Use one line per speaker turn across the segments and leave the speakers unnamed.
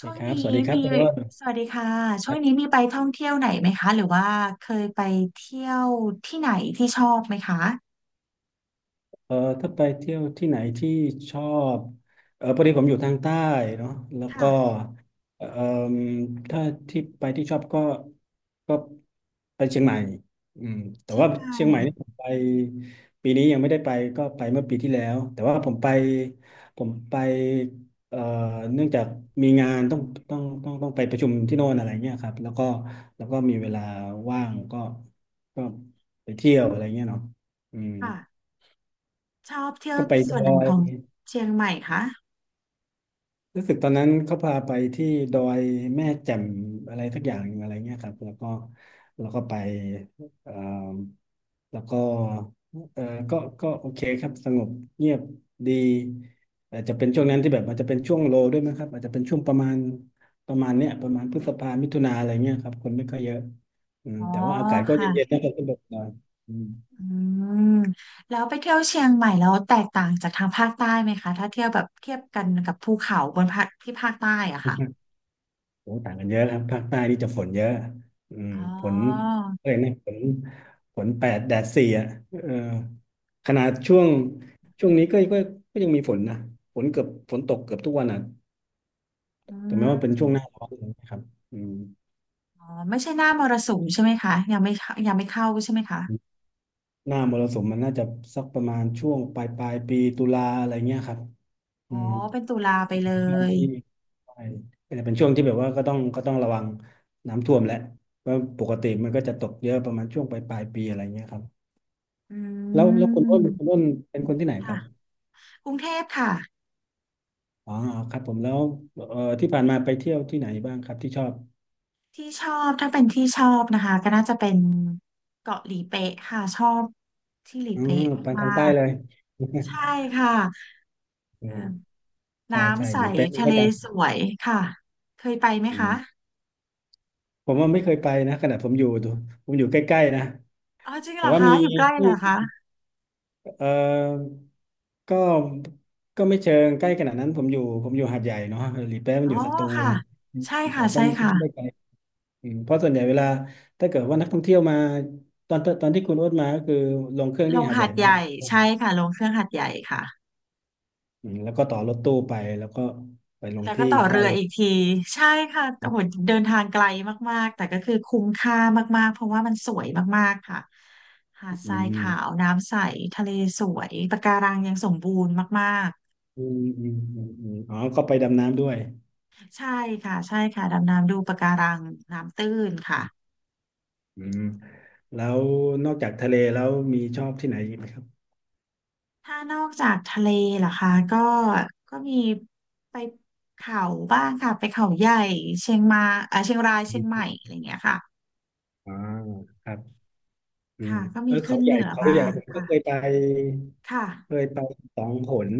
ช่ว
นะ
ง
ครับส
นี้
วัสดีครับ
มี
คุณโอ้น
สวัสดีค่ะช่วงนี้มีไปท่องเที่ยวไหนไหมคะหรือว่าเคยไปเที่ยวที่ไหนที่ชอบไหมคะ
เออถ้าไปเที่ยวที่ไหนที่ชอบพอดีผมอยู่ทางใต้เนาะแล้วก็
ค่ะ
เออถ้าที่ไปที่ชอบก็ก็ไปเชียงใหม่อืมแต่
เชีย
ว่า
งใหม่
เชียงใหม่นี่ผมไปปีนี้ยังไม่ได้ไปก็ไปเมื่อปีที่แล้วแต่ว่าผมไปเอ่อเนื่องจากมีงานต้องต้องไปประชุมที่โน่นอะไรเงี้ยครับแล้วก็แล้วก็มีเวลาว่างก็ก็ไปเที่ยวอะไรเงี้ยเนาะอืม
ค่ะชอบเที่ยว
ก็ไปด
ส่วน
อ
ไหน
ย
ของเชียงใหม่คะ
รู้สึกตอนนั้นเขาพาไปที่ดอยแม่แจ่มอะไรสักอย่างหนึ่งอะไรเงี้ยครับแล้วก็แล้วก็ไปเอ่อแล้วก็เออก็โอเคครับสงบเงียบดีอาจจะเป็นช่วงนั้นที่แบบอาจจะเป็นช่วงโลด้วยมั้งครับอาจจะเป็นช่วงประมาณประมาณเนี้ยประมาณพฤษภามิถุนาอะไรเงี้ยครับคนไม่ค่อยเยอะอืม
อ๋อ
แต่ว่าอากาศก็
ค่ะ
เย็นๆนะครับสนุกหน่อยอืม
อืมแล้วไปเที่ยวเชียงใหม่แล้วแตกต่างจากทางภาคใต้ไหมคะถ้าเที่ยวแบบเทียบกันกับภูเขาบนภาคที่ภาคใต้อะค่ะ
โอ้ต่างกันเยอะครับภาคใต้นี่จะฝนเยอะอืม
อ๋
ฝน
อ
เลยนะฝนแปดแดดสี่อ่ะเออขนาดช่วงช่วงนี้ก็ก็ยังมีฝนนะฝนตกเกือบทุกวันอ่ะ
อื
แต่แม้ว่าเป็นช่วงหน้า
ม
ร้อนนะครับอืม
อ๋อไม่ใช่หน้ามรสุมใช่ไหมคะยังไม่เข้ายังไม่เข้าใช่ไหมคะ
หน้ามรสุมมันน่าจะสักประมาณช่วงปลายปีตุลาอะไรเงี้ยครับ
อ๋
อื
อ
ม
เป็นตุลาไปเล
ช่วง
ย
ที่ใช่เป็นช่วงที่แบบว่าก็ต้องระวังน้ำท่วมแหละว่าะปกติมันก็จะตกเยอะประมาณช่วงปลายปีอะไรเงี้ยครับ
อื
แล้ว
ม
คุณอ้นเป็นคนที่ไหนครั
ค่ะ
บ
กรุงเทพค่ะ
อ๋อครับผมแล้วที่ผ่านมาไปเที่ยวที่ไหนบ้างครับที่ชอบ
ที่ชอบถ้าเป็นที่ชอบนะคะก็น่าจะเป็นเกาะหลีเป๊ะค่ะชอบที่หลี
อืม
เป๊ะ
ไปทา
มา
งใต้
ก
เลย
ๆ ใช่ค่ะ
อื
เอ
ม
อ
ใช่ใช่
น้ำใส
หลีเป๊ะนี่
ทะเล
ได้าใจ
สวยค่ะเคยไปไหม
อื
คะ
มผมว่าไม่เคยไปนะขนาดผมอยู่ใกล้ๆนะ
อ๋อจริงเห
แต่
รอ
ว่า
คะ
มี
อยู่ใกล้
ที่
เหรอคะ
เออก็ไม่เชิงใกล้ขนาดนั้นผมอยู่หาดใหญ่เนาะหลีเป๊ะมัน
อ๋อ
อยู่สตู
ค่ะ
ล
ใช่
แต่
ค่ะ
ก็
ใช่
ไม่
ค่ะ
ได้ไกล อืมเพราะส่วนใหญ่เวลาถ้าเกิดว่านักท่องเที่ยวมาตอนที่คุณโอ๊ตมาก็คือลงเครื่อง
ล
ที่
ง
หาดให
หา
ญ่
ด
ไหม
ให
ครับ
ญ่ใช่ค่ะลงเครื่องหาดใหญ่ค่ะ
อืมแล้วก็ต่อรถตู้ไปแล้วก็ไปลง
แล้วก็
ที่
ต่อเรื
ท่า
อ
เรือ
อีกทีใช่ค่ะโอ้โหเดินทางไกลมากๆแต่ก็คือคุ้มค่ามากๆเพราะว่ามันสวยมากๆค่ะหาดท
อื
รายขาว
ม
น้ำใสทะเลสวยปะการังยังสมบูรณ์มาก
อืมอืมอืมอืมอ๋อก็ไปดำน้ำด้วย
ๆใช่ค่ะใช่ค่ะดำน้ำดูปะการังน้ำตื้นค่ะ
อืมแล้วนอกจากทะเลแล้วมีชอบที่ไหนอีกไหมครับ
ถ้านอกจากทะเลล่ะคะก็ก็มีไปเขาบ้างค่ะไปเขาใหญ่เชียงมาเชียงรายเชีย
อ
งใหม่
ม
อะไรอย่างเงี้ยค่ะ
อ่าครับอืม
ค่ะก็
เอ
มี
อ
ขึ้นเหนือ
เขา
บ้า
ใหญ่
ง
ผมก็เคย
ค่ะ
ไป
ค่ะ
เคยไปสองหน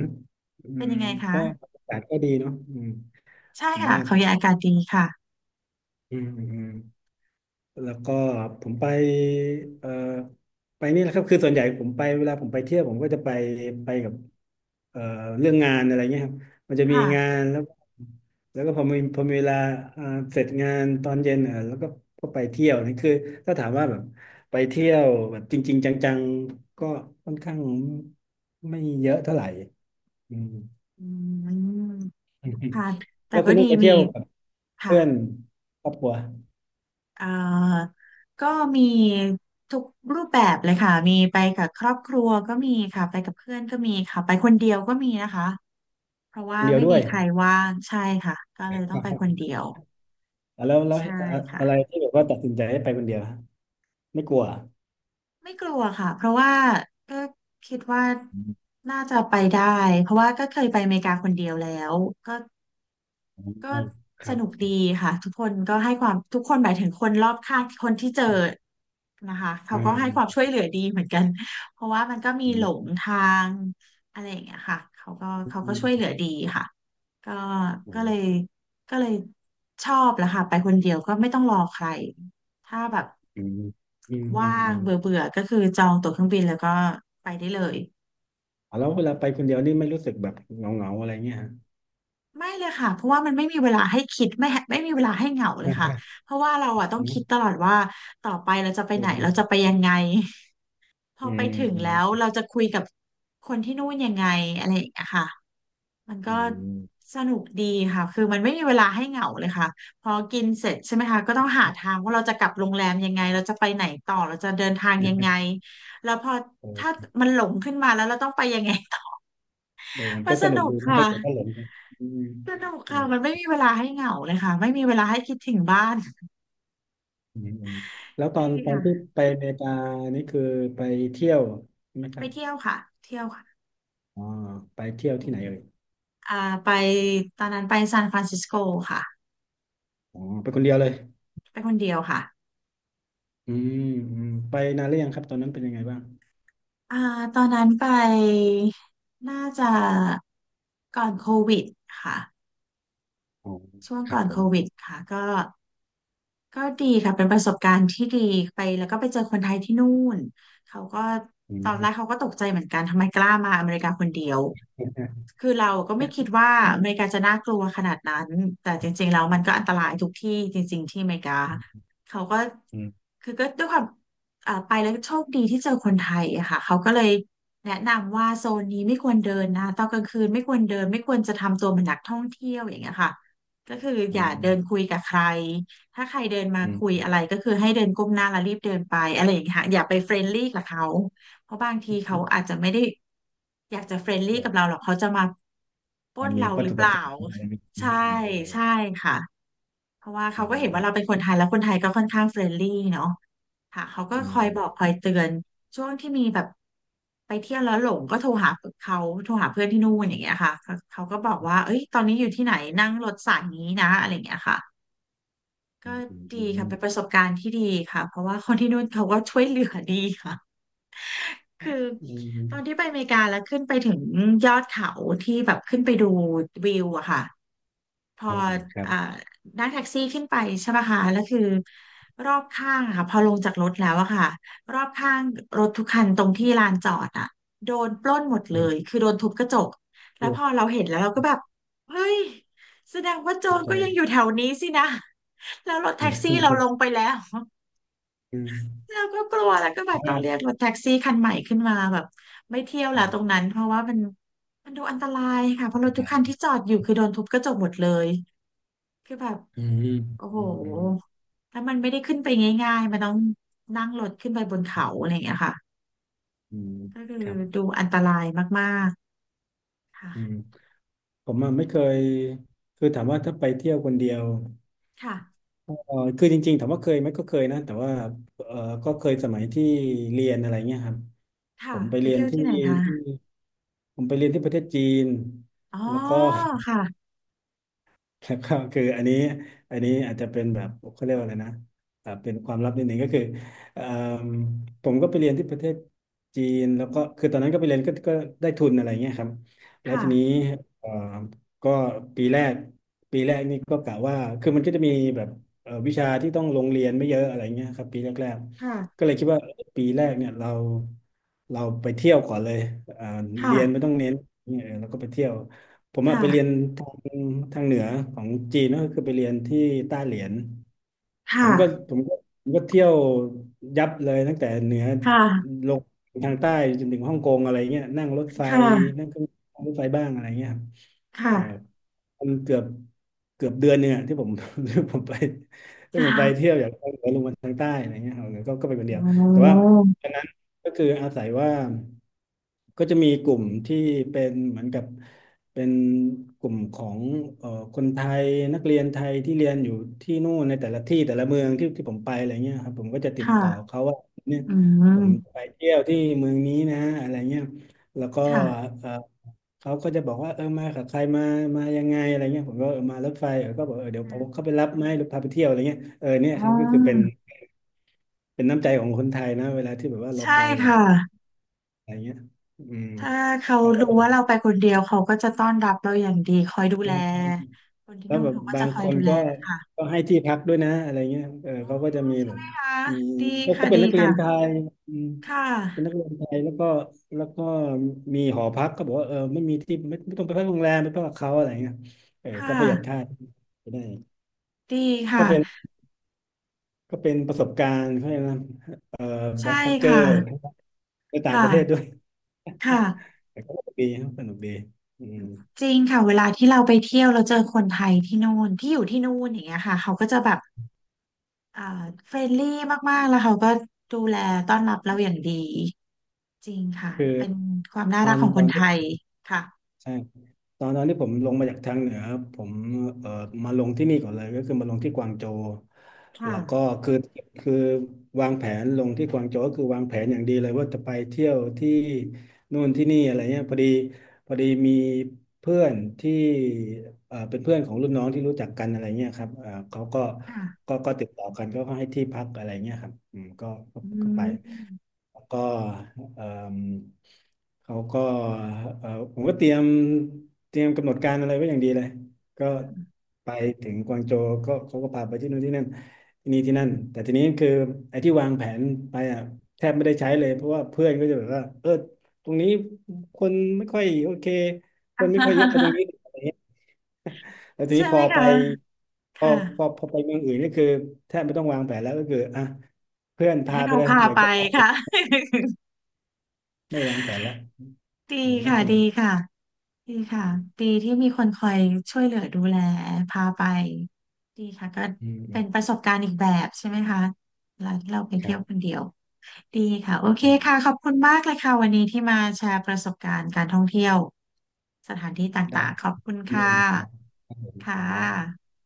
อื
เป็น
ม
ยังไงคะ
ก็อากาศก็ดีเนาะอืม
ใช่
ผม
ค่ะ
ว่า
เขาใหญ่อากาศดีค่ะ
อืมอืม แล้วก็ผมไปเอ่อไปนี่แหละครับคือส่วนใหญ่ผมไปเวลาผมไปเที่ยวผมก็จะไปไปกับเอ่อเรื่องงานอะไรเงี้ยครับมันจะมีงา
ค่ะ
นแล้วแล้วก็พอมีเวลาอ่าเสร็จงานตอนเย็นอ่ะแล้วก็ก็ไปเที่ยวนี่คือถ้าถามว่าแบบไปเที่ยวแบบจริงๆจังๆก็ค่อนข้างไม่เยอะเท่าไหร่อืม
อืมค่ะ แต่
แล้วคุ
ก็
ณ
ดี
นุ่นไป
มี
เที่ยวกับ
ค่ะ
เพื่อนครอบครัว
เอ่อก็มีทุกรูปแบบเลยค่ะมีไปกับครอบครัวก็มีค่ะไปกับเพื่อนก็มีค่ะไปคนเดียวก็มีนะคะเพราะ
ค
ว่า
นเดียว
ไม่
ด้
มี
วย
ใครว่างใช่ค่ะก็เลยต้องไปคนเดียว
อ่ะแล้ว
ใช่ค่ะ
อะไรที่แบบว่าตัดสินใจให้ไปคนเดียวฮะไม่กลัวอ่ะ
ไม่กลัวค่ะเพราะว่าก็คิดว่า
อืม
น่าจะไปได้เพราะว่าก็เคยไปอเมริกาคนเดียวแล้วก็
อื
ก็
มค
ส
รับ
นุกดีค่ะทุกคนก็ให้ความทุกคนหมายถึงคนรอบข้างคนที่เจอนะคะเขา
อืม
ก็ให้
อื
ความ
ม
ช่วยเหลือดีเหมือนกันเพราะว่ามันก็มี
อื
หล
ม
งทางอะไรอย่างเงี้ยค่ะเขาก็
อื
ช่วยเหลือ
ม
ดีค่ะก็ก็เลยก็เลยชอบแหละค่ะไปคนเดียวก็ไม่ต้องรอใครถ้าแบบ
อืมอืมอื
ว่า
มอื
ง
ม
เบื่อเบื่อก็คือจองตั๋วเครื่องบินแล้วก็ไปได้เลย
อ่ะแล้วเวลาไปคนเดียวนี่ไม่รู้สึกแบบเหงาๆอะไรเงี้ยฮะ
ไม่เลยค่ะเพราะว่ามันไม่มีเวลาให้คิดไม่มีเวลาให้เหงาเล
ใช่
ยค่ะ
ใช่
เพราะว่าเราอะต้อง
อืม
คิดตลอดว่าต่อไปเราจะไป
เอ
ไหนเราจะไป
อ
ยังไงพอ
อื
ไป
ม
ถึง
อืม
แล้วเราจะคุยกับคนที่นู่นยังไงอะไรอย่างเงี้ยค่ะมันก็
อืม
สนุกดีค่ะคือมันไม่มีเวลาให้เหงาเลยค่ะพอกินเสร็จใช่ไหมคะก็ต้องหาทางว่าเราจะกลับโรงแรมยังไงเราจะไปไหนต่อเราจะเดินทางยังไง
เอ
แล้วพอถ้า
อ
มันหลงขึ้นมาแล้วเราต้องไปยังไง
เออมัน
มั
ก็
นส
สนุ
นุ
ก
ก
ดีนะ
ค่ะ
ถ้าเกิดว่าหลงไปอืม
สนุก
อื
ค่ะ
ม
มันไม่มีเวลาให้เหงาเลยค่ะไม่มีเวลาให้คิดถึงบ้าน
อืมอืมแล้ว
ดี
ตอนที่
ค่ะ
ไปอเมริกานี่คือไปเที่ยวใช่ไหมค
ไป
รับ
เที่ยวค่ะเที่ยวค่ะ
อ๋อไปเที่ยวที่ไหนเอ่ย
อ่าไปตอนนั้นไปซานฟรานซิสโกค่ะ
อ๋อไปคนเดียวเลย
ไปคนเดียวค่ะ
อืมอืมไปนานหรือยังครับตอนนั้นเป็นยังไงบ้าง
อ่าตอนนั้นไปน่าจะก่อนโควิดค่ะ
อ๋อ
ช่วง
ค
ก่
รั
อ
บ
น
ผ
โค
ม
วิดค่ะก็ ก็ดีค่ะเป็นประสบการณ์ที่ดีไปแล้วก็ไปเจอคนไทยที่นู่นเขาก็
อื
ตอนแรก
ม
เขาก็ตกใจเหมือนกันทำไมกล้ามาอเมริกาคนเดียว
อ
คือเราก็ไม่คิดว่าอเมริกาจะน่ากลัวขนาดนั้นแต่จริงๆแล้วมันก็อันตรายทุกที่จริงๆที่อเมริกาเขาก็
ืม
คือก็ด้วยความไปแล้วโชคดีที่เจอคนไทยอะค่ะเขาก็เลยแนะนำว่าโซนนี้ไม่ควรเดินนะตอนกลางคืนไม่ควรเดินไม่ควรจะทำตัวเป็นนักท่องเที่ยวอย่างเงี้ยค่ะก็คืออ
อื
ย่าเดิน
ม
คุยกับใคร ถ้าใครเดินมา
อื
คุยอะไร
ม
ก็คือให้เดินก้มหน้าแล้วรีบเดินไปอะไรอย่างเงี้ยค่ะอย่าไปเฟรนลี่กับเขาเพราะบางทีเขาอาจจะไม่ได้อยากจะเฟรน
เ
ลี่กับเรา
ออ
หรอกเขาจะมาปล้
มัน
น
มี
เรา
วัต
หรื
ถุ
อเป
ประ
ล่า
สงค์อะไรไหม
ใช่
เออ
ใช่ค่ะเพราะว่า
เอ
เขา
อ
ก็เห็น
อื
ว่า
ม
เราเป็นคนไทยแล้วคนไทยก็ค่อนข้างเฟรนลี่เนาะค่ะเขาก็
อื
คอยบ
ม
อกคอยเตือนช่วงที่มีแบบไปเที่ยวแล้วหลงก็โทรหาเขาโทรหาเพื่อนที่นู่นอย่างเงี้ยค่ะเขาก็บอกว่าเอ้ยตอนนี้อยู่ที่ไหนนั่งรถสายนี้นะอะไรอย่างเงี้ยค่ะ
อื
ก็
มอืม
ดี
อื
ค่ะ
ม
เป็นประสบการณ์ที่ดีค่ะเพราะว่าคนที่นู่นเขาก็ช่วยเหลือดีค่ะคือ
อืมอืม
ตอนที่ไปอเมริกาแล้วขึ้นไปถึงยอดเขาที่แบบขึ้นไปดูวิวอะค่ะ พอ
เออครับ
อ่านั่งแท็กซี่ขึ้นไปใช่ไหมคะแล้วคือรอบข้างอะค่ะพอลงจากรถแล้วอะค่ะรอบข้างรถทุกคันตรงที่ลานจอดอะโดนปล้นหมดเล
อื
ย
ม
คือโดนทุบกระจกแล้ว
โอ้
พอเราเห็นแล้วเราก็แบบเฮ้ยแสดงว่าโจ
ขอบ
ร
ใจ
ก็ยังอยู่แถวนี้สินะ แล้วรถแท็กซี่เราลงไปแล้ว
อืมอม
เราก็กลัวแล้วก็แบบต้องเรียก
อ่า
รถแท็กซี่คันใหม่ขึ้นมาแบบไม่เที่ยว
อื
แล้วตร
ม
งนั้นเพราะว่ามันดูอันตรายค่ะเพราะรถทุกคัน
ได้
ที่จอดอยู่คือโดนทุบกระจกหมดเลยคือแบบ
อืม
โอ้โห
อืมอืม
ถ้ามันไม่ได้ขึ้นไปง่ายๆมันต้องนั่งรถขึ้นไปบนเขาอะไรอย่างเงี้ยค่ะ
อืม
ก็คือ
ครับ
ดูอันตรายมากๆค่ะ
อืมผมอะไม่เคยคือถามว่าถ้าไปเที่ยวคนเดียว
ค่ะ
เออคือจริงๆ ถามว่าเคยไหมก็เคยนะ แต่ว่าเออก็เคยสมัยที่เรียนอะไรเงี้ยครับ ผ
ค่ะ
มไป
ไป
เรียน
เที่ยว
ที่
ที่ไหน
ที่
คะ
ผมไปเรียนที่ประเทศจีน
อ๋อ
แล้วก็
ค่ะ
แล้วก็คืออันนี้อาจจะเป็นแบบเขาเรียกว่าอะไรนะเป็นความลับนิดหนึ่งก็คือเอ่มผมก็ไปเรียนที่ประเทศจีนแล้วก็คือตอนนั้นก็ไปเรียนก็ได้ทุนอะไรเงี้ยครับแล้ว
ค่ะ
ทีนี้เอ่อก็ปีแรกนี่ก็กะว่าคือมันก็จะมีแบบวิชาที่ต้องลงเรียนไม่เยอะอะไรเงี้ยครับปีแรกๆ
ค่ะ
ก็เลยคิดว่าเอ้ยปีแรกเนี่ยเราไปเที่ยวก่อนเลยอ่า
ค่ะ
เรียนไม่ต้องเน้นเออแล้วก็ไปเที่ยวผมอะไปเรียน
ค่ะ
อืมทางเหนือของจีนก็คือไปเรียนที่ต้าเหลียน ผ
ค่ะ
มก็ผมก็ผมก็เที่ยวยับเลยตั้งแต่เหนือ
ค่ะ
ลงทางใต้จนถึงฮ่องกงอะไรเงี้ยนั่งรถไฟ
ค่ะ
นั่งเครื่องนั่งรถไฟบ้างอะไรเงี้ยครับ
ค่ะ
มันเกือบเดือนเนี่ยที่ผม ที่ผมไป
ค
ที่ผมไปเที่ย
่ะ
วอย่างภาคเหนือลงมาทางใต้อะไรเงี้ยครับก็ไปคน
โ
เดียวแต่ว่า
อ้
ตอนนั้นก็คืออาศัยว่าก็จะมีกลุ่มที่เป็นเหมือนกับเป็นกลุ่มของเอ่อคนไทยนักเรียนไทยที่เรียนอยู่ที่นู่นในแต่ละที่แต่ละเมืองที่ที่ผมไปอะไรเงี้ยครับผมก็จะติดต่อ
ค่ะ
เขาว่าเนี่ย
อื
ผม
ม
ไปเที่ยวที่เมืองนี้นะอะไรเงี้ยแล้วก็
ค่ะ
เขาก็จะบอกว่าเออมากับใครมายังไงอะไรเงี้ยผมก็เออมารถไฟเออก็บอกเออเดี๋ยวผมเข้าไปรับไหมหรือพาไปเที่ยวอะไรเงี้ยเออเนี่ย
อ๋
ครับก็คือเป็น
อ
เป็นน้ำใจของคนไทยนะเวลาที่แบบว่าเรา
ใช่
ไปแบบ
ค่ะ
อะไรเงี้ยอืม
ถ้าเขา
เขาก็
รู้
แบบ
ว่าเราไปคนเดียวเขาก็จะต้อนรับเราอย่างดีคอยดู
เออ
แลคน ที่
แล้ว
นู่น
แบบ
เขาก็
บา
จะ
ง
ค
ค
อย
น
ดูแล
ก็
นะคะ
ก็ให้ที่พักด้วยนะอะไรเงี้ยเออเขาก็จะมีแบบ
ค่ะ
มี
ดี
ก็
ค่ะ
ก็เป็
ดี
นนักเรียนไท
ค่ะ
ยอืม
ค่ะ
เป็นนักเรียนไทยแล้วก็มีหอพักก็บอกว่าเออไม่มีที่ไม่ต้องไปพักโรงแรมไปพักกับเขาอะไรเงี้ยเออ
ค่ะ
ก็ประหยัดค่าไปได้
ดี
ก็
ค่ะ
เป็น ก็เป็นประสบการณ์เขาเรียกนะเอ่อแบ็
ใช่
คแพคเกอ
ค่ะ
ร์ไป
ค
ต่างประเทศด้ว
่ะ
ย
ค่ะ
แต่ก็สนุกดีครับสนุกดีอืม
จริงค่ะเวลาที่เราไปเที่ยวเราเจอคนไทยที่นู่นที่อยู่ที่นู่นอย่างเงี้ยค่ะเขาก็จะแบบอ่าเฟรนลี่มากๆแล้วเขาก็ดูแลต้อนรับเราอย่างดีจริงค่ะ
คือ
เป็นความน่า
ต
รั
อ
ก
น
ของ
ต
ค
อ
น
น
ไท
ที่
ยค่ะ
ใช่ตอนนั้นที่ผมลงมาจากทางเหนือครับผมเอ่อมาลงที่นี่ก่อนเลยก็คือมาลงที่กวางโจว
ค่ะ
แล้วก็คือคือวางแผนลงที่กวางโจวก็คือวางแผนอย่างดีเลยว่าจะไปเที่ยวที่นู่นที่นี่อะไรเงี้ยพอดีมีเพื่อนที่เป็นเพื่อนของรุ่นน้องที่รู้จักกันอะไรเงี้ยครับเอ่อเขาก็
ค่ะ
ก็ติดต่อกันก็ให้ที่พักอะไรเงี้ยครับอืมก็ก็
อื
ก็ไป
ม
ก็เอิ่มเขาก็เอ่อผมก็เตรียมกำหนดการอะไรไว้อย่างดีเลยก็ไปถึงกวางโจวก็เขาก็พาไปที่นู่นที่นั่นที่นี่ที่นั่นแต่ทีนี้คือไอ้ที่วางแผนไปอ่ะแทบไม่ได้ใช้เลยเพราะว่าเพื่อนก็จะแบบว่าเออตรงนี้คนไม่ค่อยโอเค ค
อ่
นไม่ค่อยเยอะไปตร
า
งนี้อะไรเงี้ยแล้วที
ใช่
นี้พ
ไหม
อไป
คะ
พอ
ค่ะ
พอไปเมืองอื่นนี่คือแทบไม่ต้องวางแผนแล้วก็คืออ่ะเพื่อนพา
ให้
ไป
เขา
เลย
พา
อยาก
ไป
จะพาไป
ค่ะ
ไม่วางแผนแล้ว
ดี
อืมก็
ค่ะ
ส
ดี
นุก
ค่ะดีค่ะดีที่มีคนคอยช่วยเหลือดูแลพาไปดีค่ะก็
อืมอื
เป็
ม
นประสบการณ์อีกแบบใช่ไหมคะแล้วเราไป
ครั
เที่ยวค
บ
นเดียวดีค่ะโอเค
อืม
ค่ะขอบคุณมากเลยค่ะวันนี้ที่มาแชร์ประสบการณ์การท่องเที่ยวสถานที่ต
ได้
่าง
ครับ
ๆขอบคุณ
เรื่อ
ค่ะ
งนะครับขอบคุณค
ค่ะ
รับ